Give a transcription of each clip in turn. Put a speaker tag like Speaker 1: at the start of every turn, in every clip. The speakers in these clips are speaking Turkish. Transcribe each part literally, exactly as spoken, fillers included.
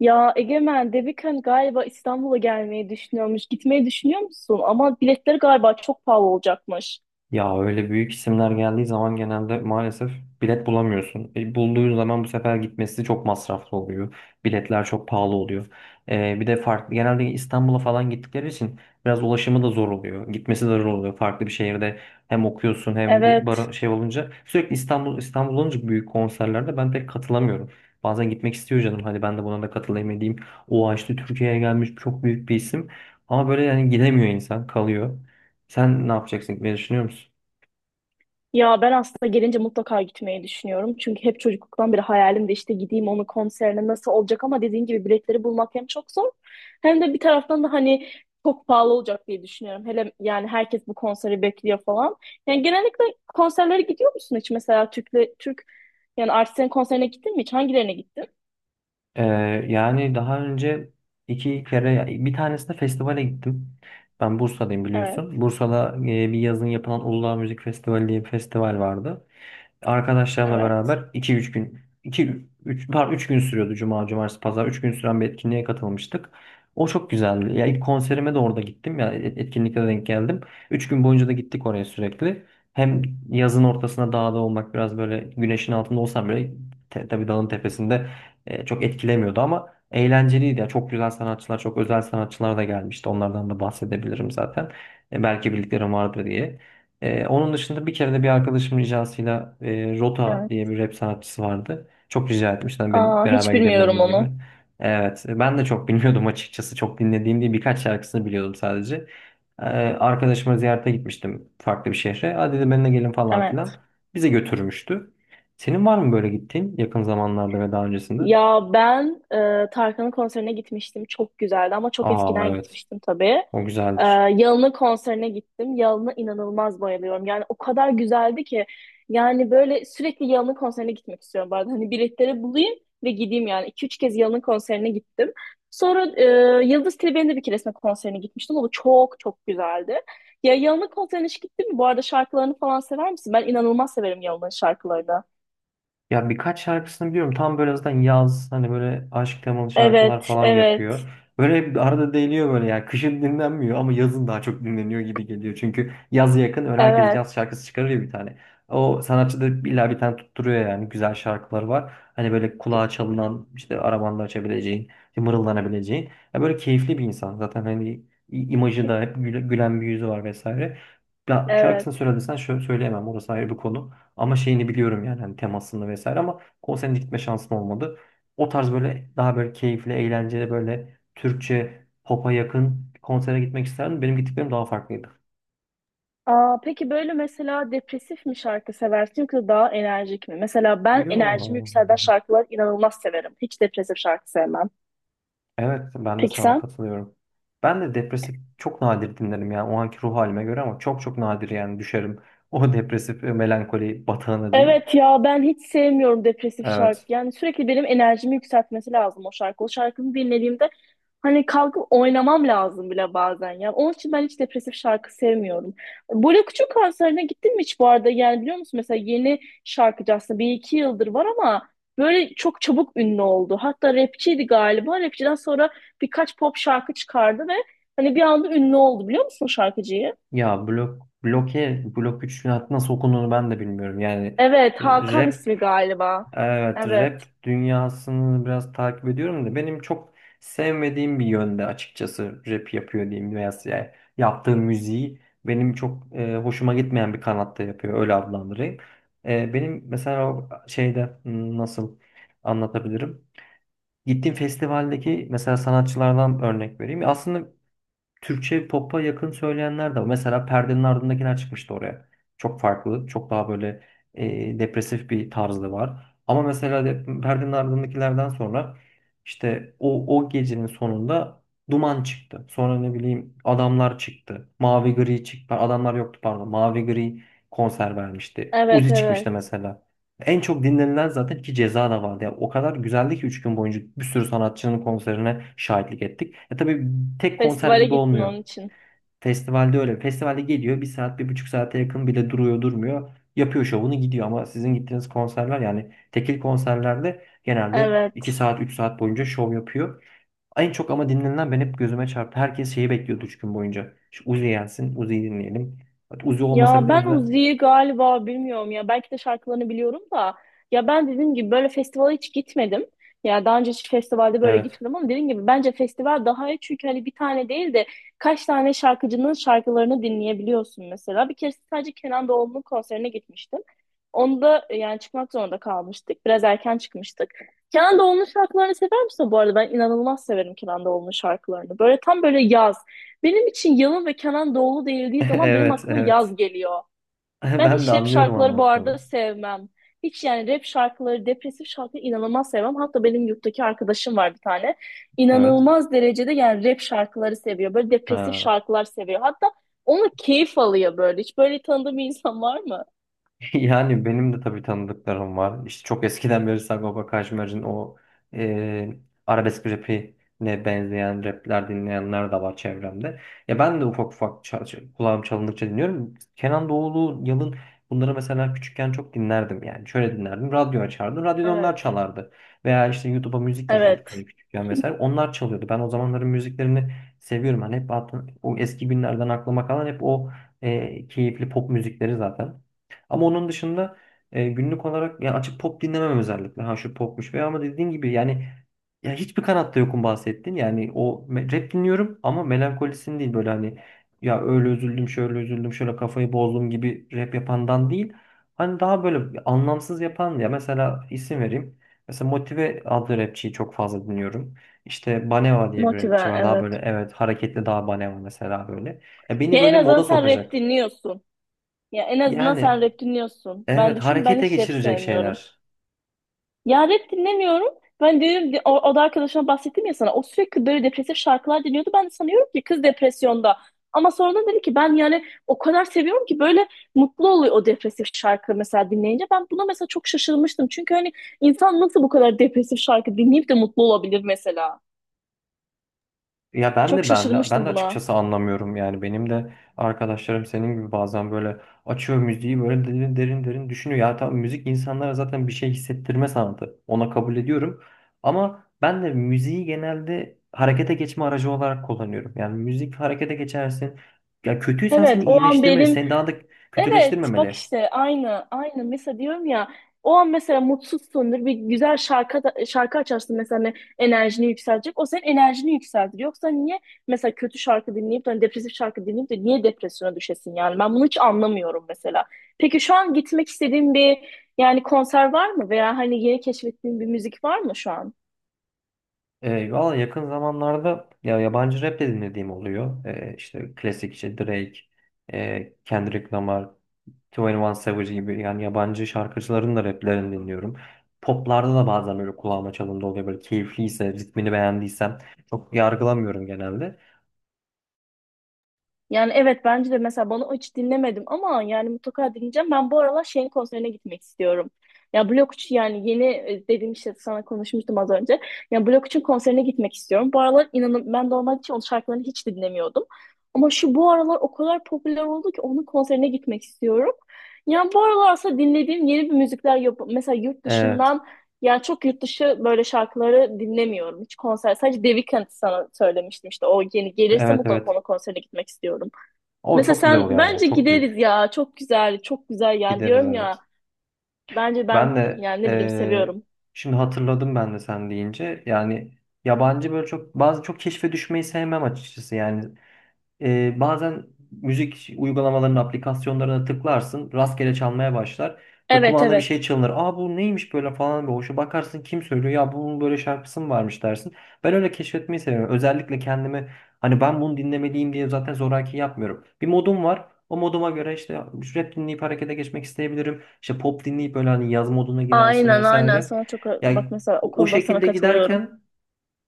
Speaker 1: Ya Egemen, Devikan galiba İstanbul'a gelmeyi düşünüyormuş. Gitmeyi düşünüyor musun? Ama biletleri galiba çok pahalı olacakmış.
Speaker 2: Ya öyle büyük isimler geldiği zaman genelde maalesef bilet bulamıyorsun. E, bulduğun zaman bu sefer gitmesi çok masraflı oluyor. Biletler çok pahalı oluyor. E, bir de farklı genelde İstanbul'a falan gittikleri için biraz ulaşımı da zor oluyor. Gitmesi de zor oluyor. Farklı bir şehirde hem okuyorsun hem bir
Speaker 1: Evet.
Speaker 2: bara şey olunca sürekli İstanbul İstanbul olunca büyük konserlerde ben pek katılamıyorum. Bazen gitmek istiyor canım. Hadi ben de buna da katılayım edeyim. O işte Türkiye'ye gelmiş çok büyük bir isim. Ama böyle yani gidemiyor insan kalıyor. Sen ne yapacaksın? Ne düşünüyor musun?
Speaker 1: Ya ben aslında gelince mutlaka gitmeyi düşünüyorum. Çünkü hep çocukluktan beri hayalim de işte gideyim onun konserine nasıl olacak, ama dediğin gibi biletleri bulmak hem çok zor hem de bir taraftan da hani çok pahalı olacak diye düşünüyorum. Hele yani herkes bu konseri bekliyor falan. Yani genellikle konserlere gidiyor musun hiç? Mesela Türk'le Türk yani artistlerin konserine gittin mi hiç? Hangilerine gittin?
Speaker 2: Ee, Yani daha önce iki kere bir tanesinde festivale gittim. Ben Bursa'dayım biliyorsun.
Speaker 1: Evet,
Speaker 2: Bursa'da e, bir yazın yapılan Uludağ Müzik Festivali diye bir festival vardı, arkadaşlarımla
Speaker 1: evet.
Speaker 2: beraber iki üç gün iki üç pardon üç gün sürüyordu, cuma cumartesi pazar üç gün süren bir etkinliğe katılmıştık. O çok güzeldi. Ya ilk konserime de orada gittim, ya et- etkinlikte de denk geldim. Üç gün boyunca da gittik oraya sürekli. Hem yazın ortasında dağda olmak biraz böyle güneşin altında olsam bile te, tabii dağın tepesinde e, çok etkilemiyordu ama eğlenceliydi. Ya çok güzel sanatçılar, çok özel sanatçılar da gelmişti. Onlardan da bahsedebilirim zaten. E, belki bildiklerim vardır diye. Ee, onun dışında bir kere de bir arkadaşım ricasıyla e, Rota
Speaker 1: Evet.
Speaker 2: diye bir rap sanatçısı vardı. Çok rica etmişti. Hani ben,
Speaker 1: Aa,
Speaker 2: beraber
Speaker 1: hiç bilmiyorum
Speaker 2: gidebiliriz gibi.
Speaker 1: onu.
Speaker 2: Evet. e, Ben de çok bilmiyordum açıkçası. Çok dinlediğim değil, birkaç şarkısını biliyordum sadece. Ee, arkadaşıma ziyarete gitmiştim farklı bir şehre. Hadi dedi benimle gelin falan filan.
Speaker 1: Evet.
Speaker 2: Bize götürmüştü. Senin var mı böyle gittiğin yakın zamanlarda ve daha öncesinde?
Speaker 1: Ya ben e, Tarkan'ın konserine gitmiştim. Çok güzeldi ama çok
Speaker 2: Aa,
Speaker 1: eskiden
Speaker 2: evet.
Speaker 1: gitmiştim tabii.
Speaker 2: O
Speaker 1: E,
Speaker 2: güzeldir.
Speaker 1: Yalın'ın konserine gittim. Yalın'a inanılmaz bayılıyorum. Yani o kadar güzeldi ki. Yani böyle sürekli Yalın'ın konserine gitmek istiyorum bu arada. Hani biletleri bulayım ve gideyim yani. İki üç kez Yalın'ın konserine gittim. Sonra e, Yıldız Tilbe'nin de bir keresinde konserine gitmiştim. O da çok çok güzeldi. Ya Yalın'ın konserine hiç gittin mi? Bu arada şarkılarını falan sever misin? Ben inanılmaz severim Yalın'ın şarkılarını.
Speaker 2: Ya birkaç şarkısını biliyorum. Tam böyle zaten yaz, hani böyle aşk temalı şarkılar
Speaker 1: Evet,
Speaker 2: falan
Speaker 1: evet,
Speaker 2: yapıyor. Böyle bir arada değiliyor böyle ya. Kışın dinlenmiyor ama yazın daha çok dinleniyor gibi geliyor. Çünkü yaz yakın öyle, herkes
Speaker 1: evet,
Speaker 2: yaz şarkısı çıkarıyor bir tane. O sanatçı da illa bir tane tutturuyor, yani güzel şarkıları var. Hani böyle
Speaker 1: Pe-
Speaker 2: kulağa çalınan, işte arabanda açabileceğin, işte mırıldanabileceğin. Ya böyle keyifli bir insan. Zaten hani i- imajı
Speaker 1: pe-
Speaker 2: da hep güle- gülen bir yüzü var vesaire. Ya
Speaker 1: evet.
Speaker 2: şarkısını söylediysen şöyle söyleyemem, orası ayrı bir konu. Ama şeyini biliyorum, yani hani temasını vesaire, ama konserine gitme şansım olmadı. O tarz böyle daha böyle keyifli, eğlenceli böyle Türkçe pop'a yakın konsere gitmek isterdim. Benim gittiklerim daha farklıydı.
Speaker 1: Aa, peki böyle mesela depresif mi şarkı seversin yoksa daha enerjik mi? Mesela ben enerjimi
Speaker 2: Yo.
Speaker 1: yükselten şarkıları inanılmaz severim. Hiç depresif şarkı sevmem.
Speaker 2: Evet, ben de
Speaker 1: Peki
Speaker 2: sana
Speaker 1: sen?
Speaker 2: katılıyorum. Ben de depresif çok nadir dinlerim, yani o anki ruh halime göre, ama çok çok nadir yani düşerim. O depresif e, melankoli batağına diyeyim.
Speaker 1: Evet ya ben hiç sevmiyorum depresif şarkı.
Speaker 2: Evet.
Speaker 1: Yani sürekli benim enerjimi yükseltmesi lazım o şarkı. O şarkını dinlediğimde hani kalkıp oynamam lazım bile bazen. Ya onun için ben hiç depresif şarkı sevmiyorum. Böyle küçük konserine gittin mi hiç bu arada? Yani biliyor musun mesela yeni şarkıcı aslında bir iki yıldır var ama böyle çok çabuk ünlü oldu. Hatta rapçiydi galiba. Rapçiden sonra birkaç pop şarkı çıkardı ve hani bir anda ünlü oldu, biliyor musun şarkıcıyı?
Speaker 2: Ya blok bloke blok üç nasıl okunduğunu ben de bilmiyorum. Yani
Speaker 1: Evet, Hakan
Speaker 2: rap
Speaker 1: ismi galiba.
Speaker 2: Evet, rap
Speaker 1: Evet.
Speaker 2: dünyasını biraz takip ediyorum da benim çok sevmediğim bir yönde açıkçası rap yapıyor diyeyim, veya yani yaptığı müziği benim çok e, hoşuma gitmeyen bir kanatta yapıyor, öyle adlandırayım. E, benim mesela o şeyde hmm, nasıl anlatabilirim? Gittiğim festivaldeki mesela sanatçılardan örnek vereyim. Aslında Türkçe pop'a yakın söyleyenler de var. Mesela Perdenin Ardındakiler çıkmıştı oraya. Çok farklı, çok daha böyle e, depresif bir tarzı var. Ama mesela de, Perdenin Ardındakilerden sonra işte o, o gecenin sonunda Duman çıktı. Sonra ne bileyim, Adamlar çıktı. Mavi Gri çıktı. Adamlar yoktu pardon. Mavi Gri konser vermişti.
Speaker 1: Evet,
Speaker 2: Uzi çıkmıştı
Speaker 1: evet.
Speaker 2: mesela. En çok dinlenilen zaten ki Ceza da vardı. Yani o kadar güzeldi ki üç gün boyunca bir sürü sanatçının konserine şahitlik ettik. E tabii tek konser
Speaker 1: Festivale
Speaker 2: gibi
Speaker 1: gittin
Speaker 2: olmuyor.
Speaker 1: onun için.
Speaker 2: Festivalde öyle. Festivalde geliyor bir saat bir buçuk saate yakın bile duruyor durmuyor. Yapıyor şovunu gidiyor, ama sizin gittiğiniz konserler yani tekil konserlerde genelde iki
Speaker 1: Evet.
Speaker 2: saat üç saat boyunca şov yapıyor. En çok ama dinlenilen ben hep gözüme çarptı. Herkes şeyi bekliyordu üç gün boyunca. Şu Uzi gelsin, Uzi'yi dinleyelim. Uzi olmasa
Speaker 1: Ya
Speaker 2: bile
Speaker 1: ben
Speaker 2: Uzi...
Speaker 1: Uzi'yi galiba bilmiyorum ya. Belki de şarkılarını biliyorum da. Ya ben dediğim gibi böyle festivale hiç gitmedim. Ya daha önce hiç festivalde böyle
Speaker 2: Evet.
Speaker 1: gitmedim, ama dediğim gibi bence festival daha iyi çünkü hani bir tane değil de kaç tane şarkıcının şarkılarını dinleyebiliyorsun mesela. Bir kere sadece Kenan Doğulu'nun konserine gitmiştim. Onda yani çıkmak zorunda kalmıştık. Biraz erken çıkmıştık. Kenan Doğulu'nun şarkılarını sever misin bu arada? Ben inanılmaz severim Kenan Doğulu'nun şarkılarını. Böyle tam böyle yaz. Benim için Yalın ve Kenan Doğulu değildiği zaman benim
Speaker 2: Evet,
Speaker 1: aklıma
Speaker 2: evet.
Speaker 1: yaz geliyor. Ben
Speaker 2: Ben de
Speaker 1: hiç rap
Speaker 2: anlıyorum
Speaker 1: şarkıları bu
Speaker 2: anlattığını.
Speaker 1: arada sevmem. Hiç yani rap şarkıları, depresif şarkıları inanılmaz sevmem. Hatta benim yurttaki arkadaşım var bir tane.
Speaker 2: Evet.
Speaker 1: İnanılmaz derecede yani rap şarkıları seviyor. Böyle depresif
Speaker 2: Ha.
Speaker 1: şarkılar seviyor. Hatta onu keyif alıyor böyle. Hiç böyle tanıdığım bir insan var mı?
Speaker 2: Yani benim de tabii tanıdıklarım var. İşte çok eskiden beri Sagopa Kajmer'in o e, arabesk rapine benzeyen rapler dinleyenler de var çevremde. Ya ben de ufak ufak çal- çal- kulağım çalındıkça dinliyorum. Kenan Doğulu, Yalın, bunları mesela küçükken çok dinlerdim yani. Şöyle dinlerdim. Radyo açardım. Radyoda onlar
Speaker 1: Evet.
Speaker 2: çalardı. Veya işte YouTube'a müzik yazıyorduk hani
Speaker 1: Evet.
Speaker 2: küçükken vesaire. Onlar çalıyordu. Ben o zamanların müziklerini seviyorum. Hani hep hatır- o eski günlerden aklıma kalan hep o e, keyifli pop müzikleri zaten. Ama onun dışında e, günlük olarak yani açıp pop dinlemem özellikle. Ha şu popmuş veya, ama dediğin gibi yani ya hiçbir kanatta yokum bahsettin. Yani o me- rap dinliyorum ama melankolisin değil, böyle hani ya öyle üzüldüm şöyle üzüldüm şöyle kafayı bozdum gibi rap yapandan değil. Hani daha böyle anlamsız yapan, ya mesela isim vereyim. Mesela Motive adlı rapçiyi çok fazla dinliyorum. İşte Baneva diye bir rapçi
Speaker 1: Motive,
Speaker 2: var. Daha
Speaker 1: evet.
Speaker 2: böyle evet hareketli, daha Baneva mesela böyle. Ya beni
Speaker 1: Ya en
Speaker 2: böyle
Speaker 1: azından
Speaker 2: moda
Speaker 1: sen rap
Speaker 2: sokacak.
Speaker 1: dinliyorsun. Ya en azından sen
Speaker 2: Yani
Speaker 1: rap dinliyorsun. Ben
Speaker 2: evet,
Speaker 1: düşün, ben
Speaker 2: harekete
Speaker 1: hiç rap
Speaker 2: geçirecek
Speaker 1: sevmiyorum.
Speaker 2: şeyler.
Speaker 1: Ya rap dinlemiyorum. Ben diyorum o, o da arkadaşıma bahsettim ya sana. O sürekli böyle depresif şarkılar dinliyordu. Ben de sanıyorum ki kız depresyonda. Ama sonradan dedi ki ben yani o kadar seviyorum ki böyle mutlu oluyor o depresif şarkı mesela dinleyince. Ben buna mesela çok şaşırmıştım. Çünkü hani insan nasıl bu kadar depresif şarkı dinleyip de mutlu olabilir mesela.
Speaker 2: Ya ben
Speaker 1: Çok
Speaker 2: de ben de ben de
Speaker 1: şaşırmıştım buna.
Speaker 2: açıkçası anlamıyorum, yani benim de arkadaşlarım senin gibi bazen böyle açıyor müziği, böyle derin derin derin düşünüyor. Ya tamam, müzik insanlara zaten bir şey hissettirme sanatı. Ona kabul ediyorum. Ama ben de müziği genelde harekete geçme aracı olarak kullanıyorum. Yani müzik harekete geçersin. Ya kötüysen
Speaker 1: Evet,
Speaker 2: seni
Speaker 1: o an
Speaker 2: iyileştirmeli,
Speaker 1: benim.
Speaker 2: seni daha da
Speaker 1: Evet bak
Speaker 2: kötüleştirmemeli.
Speaker 1: işte aynı aynı mesela diyorum ya, o an mesela mutsuzsundur, bir güzel şarkı da- şarkı açarsın mesela hani enerjini yükseltecek, o senin enerjini yükseltir, yoksa niye mesela kötü şarkı dinleyip de hani depresif şarkı dinleyip de niye depresyona düşesin, yani ben bunu hiç anlamıyorum mesela. Peki şu an gitmek istediğin bir yani konser var mı veya hani yeni keşfettiğin bir müzik var mı şu an?
Speaker 2: E, valla yakın zamanlarda ya yabancı rap de dinlediğim oluyor. E, işte klasik işte Drake, e, Kendrick Lamar, yirmi bir Savage gibi yani yabancı şarkıcıların da raplerini dinliyorum. Poplarda da bazen böyle kulağıma çalındı oluyor. Böyle keyifliyse, ritmini beğendiysem çok yargılamıyorum genelde.
Speaker 1: Yani evet, bence de mesela bana hiç dinlemedim ama yani mutlaka dinleyeceğim. Ben bu aralar şeyin konserine gitmek istiyorum. Ya Blok üç yani yeni e, dediğim işte sana konuşmuştum az önce. Ya Blok üçün konserine gitmek istiyorum. Bu aralar inanın ben normalde hiç onun şarkılarını hiç dinlemiyordum. Ama şu bu aralar o kadar popüler oldu ki onun konserine gitmek istiyorum. Yani bu aralar aslında dinlediğim yeni bir müzikler yap mesela yurt
Speaker 2: Evet,
Speaker 1: dışından, yani çok yurt dışı böyle şarkıları dinlemiyorum. Hiç konser sadece The Weeknd, sana söylemiştim işte, o yeni gelirse
Speaker 2: evet,
Speaker 1: mutlaka
Speaker 2: evet.
Speaker 1: onun konserine gitmek istiyorum.
Speaker 2: O
Speaker 1: Mesela
Speaker 2: çok güzel oluyor
Speaker 1: sen
Speaker 2: ama o
Speaker 1: bence
Speaker 2: çok
Speaker 1: gideriz
Speaker 2: büyük.
Speaker 1: ya. Çok güzel, çok güzel yani
Speaker 2: Gideriz
Speaker 1: diyorum ya.
Speaker 2: evet.
Speaker 1: Bence ben
Speaker 2: Ben de
Speaker 1: yani ne bileyim
Speaker 2: e,
Speaker 1: seviyorum.
Speaker 2: Şimdi hatırladım, ben de sen deyince yani yabancı böyle çok bazı çok keşfe düşmeyi sevmem açıkçası yani. Ee, bazen müzik uygulamalarının aplikasyonlarına tıklarsın, rastgele çalmaya başlar ve
Speaker 1: Evet,
Speaker 2: kulağında bir şey
Speaker 1: evet.
Speaker 2: çalınır. Aa bu neymiş böyle falan, bir hoşa bakarsın, kim söylüyor ya, bunun böyle şarkısı mı varmış dersin. Ben öyle keşfetmeyi seviyorum. Özellikle kendimi hani ben bunu dinlemeliyim diye zaten zoraki yapmıyorum. Bir modum var. O moduma göre işte rap dinleyip harekete geçmek isteyebilirim. İşte pop dinleyip böyle hani yaz moduna girersin
Speaker 1: Aynen aynen
Speaker 2: vesaire.
Speaker 1: sana çok bak
Speaker 2: Yani
Speaker 1: mesela o
Speaker 2: o o
Speaker 1: konuda sana
Speaker 2: şekilde
Speaker 1: katılıyorum.
Speaker 2: giderken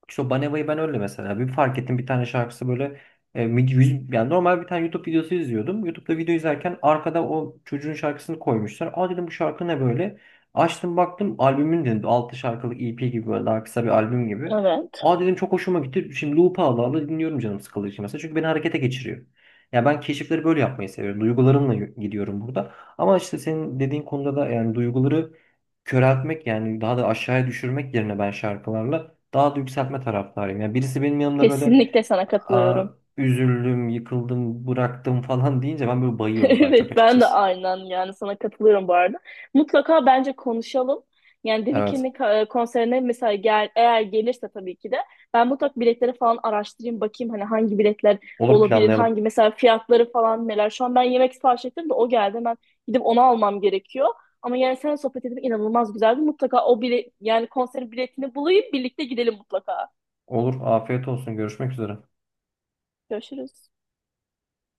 Speaker 2: işte o Baneva'yı ben öyle mesela. Bir fark ettim, bir tane şarkısı böyle e, mid- yüz- yani normal, bir tane YouTube videosu izliyordum. YouTube'da video izlerken arkada o çocuğun şarkısını koymuşlar. Aa dedim, bu şarkı ne böyle? Açtım baktım albümün, dedim altı şarkılık E P gibi, böyle daha kısa bir albüm gibi.
Speaker 1: Evet.
Speaker 2: Aa dedim çok hoşuma gitti. Şimdi loop'a ala ala dinliyorum canım sıkıldığı için mesela. Çünkü beni harekete geçiriyor. Ya ben keşifleri böyle yapmayı seviyorum. Duygularımla y- gidiyorum burada. Ama işte senin dediğin konuda da yani duyguları köreltmek yani daha da aşağıya düşürmek yerine ben şarkılarla daha da yükseltme taraftarıyım. Yani birisi benim yanımda böyle
Speaker 1: Kesinlikle sana
Speaker 2: aa,
Speaker 1: katılıyorum.
Speaker 2: üzüldüm, yıkıldım, bıraktım falan deyince ben böyle bayıyorum daha çok
Speaker 1: Evet ben de
Speaker 2: açıkçası.
Speaker 1: aynen yani sana katılıyorum bu arada. Mutlaka bence konuşalım. Yani The
Speaker 2: Evet.
Speaker 1: Weeknd'in ka- e, konserine mesela gel, eğer gelirse tabii ki de ben mutlaka biletleri falan araştırayım, bakayım hani hangi biletler
Speaker 2: Olur
Speaker 1: olabilir,
Speaker 2: planlayalım.
Speaker 1: hangi mesela fiyatları falan neler. Şu an ben yemek sipariş ettim de o geldi, ben gidip onu almam gerekiyor. Ama yani sen sohbet edip inanılmaz güzeldi. Mutlaka o bile yani konserin biletini bulayım, birlikte gidelim mutlaka.
Speaker 2: Olur. Afiyet olsun. Görüşmek üzere.
Speaker 1: Görüşürüz.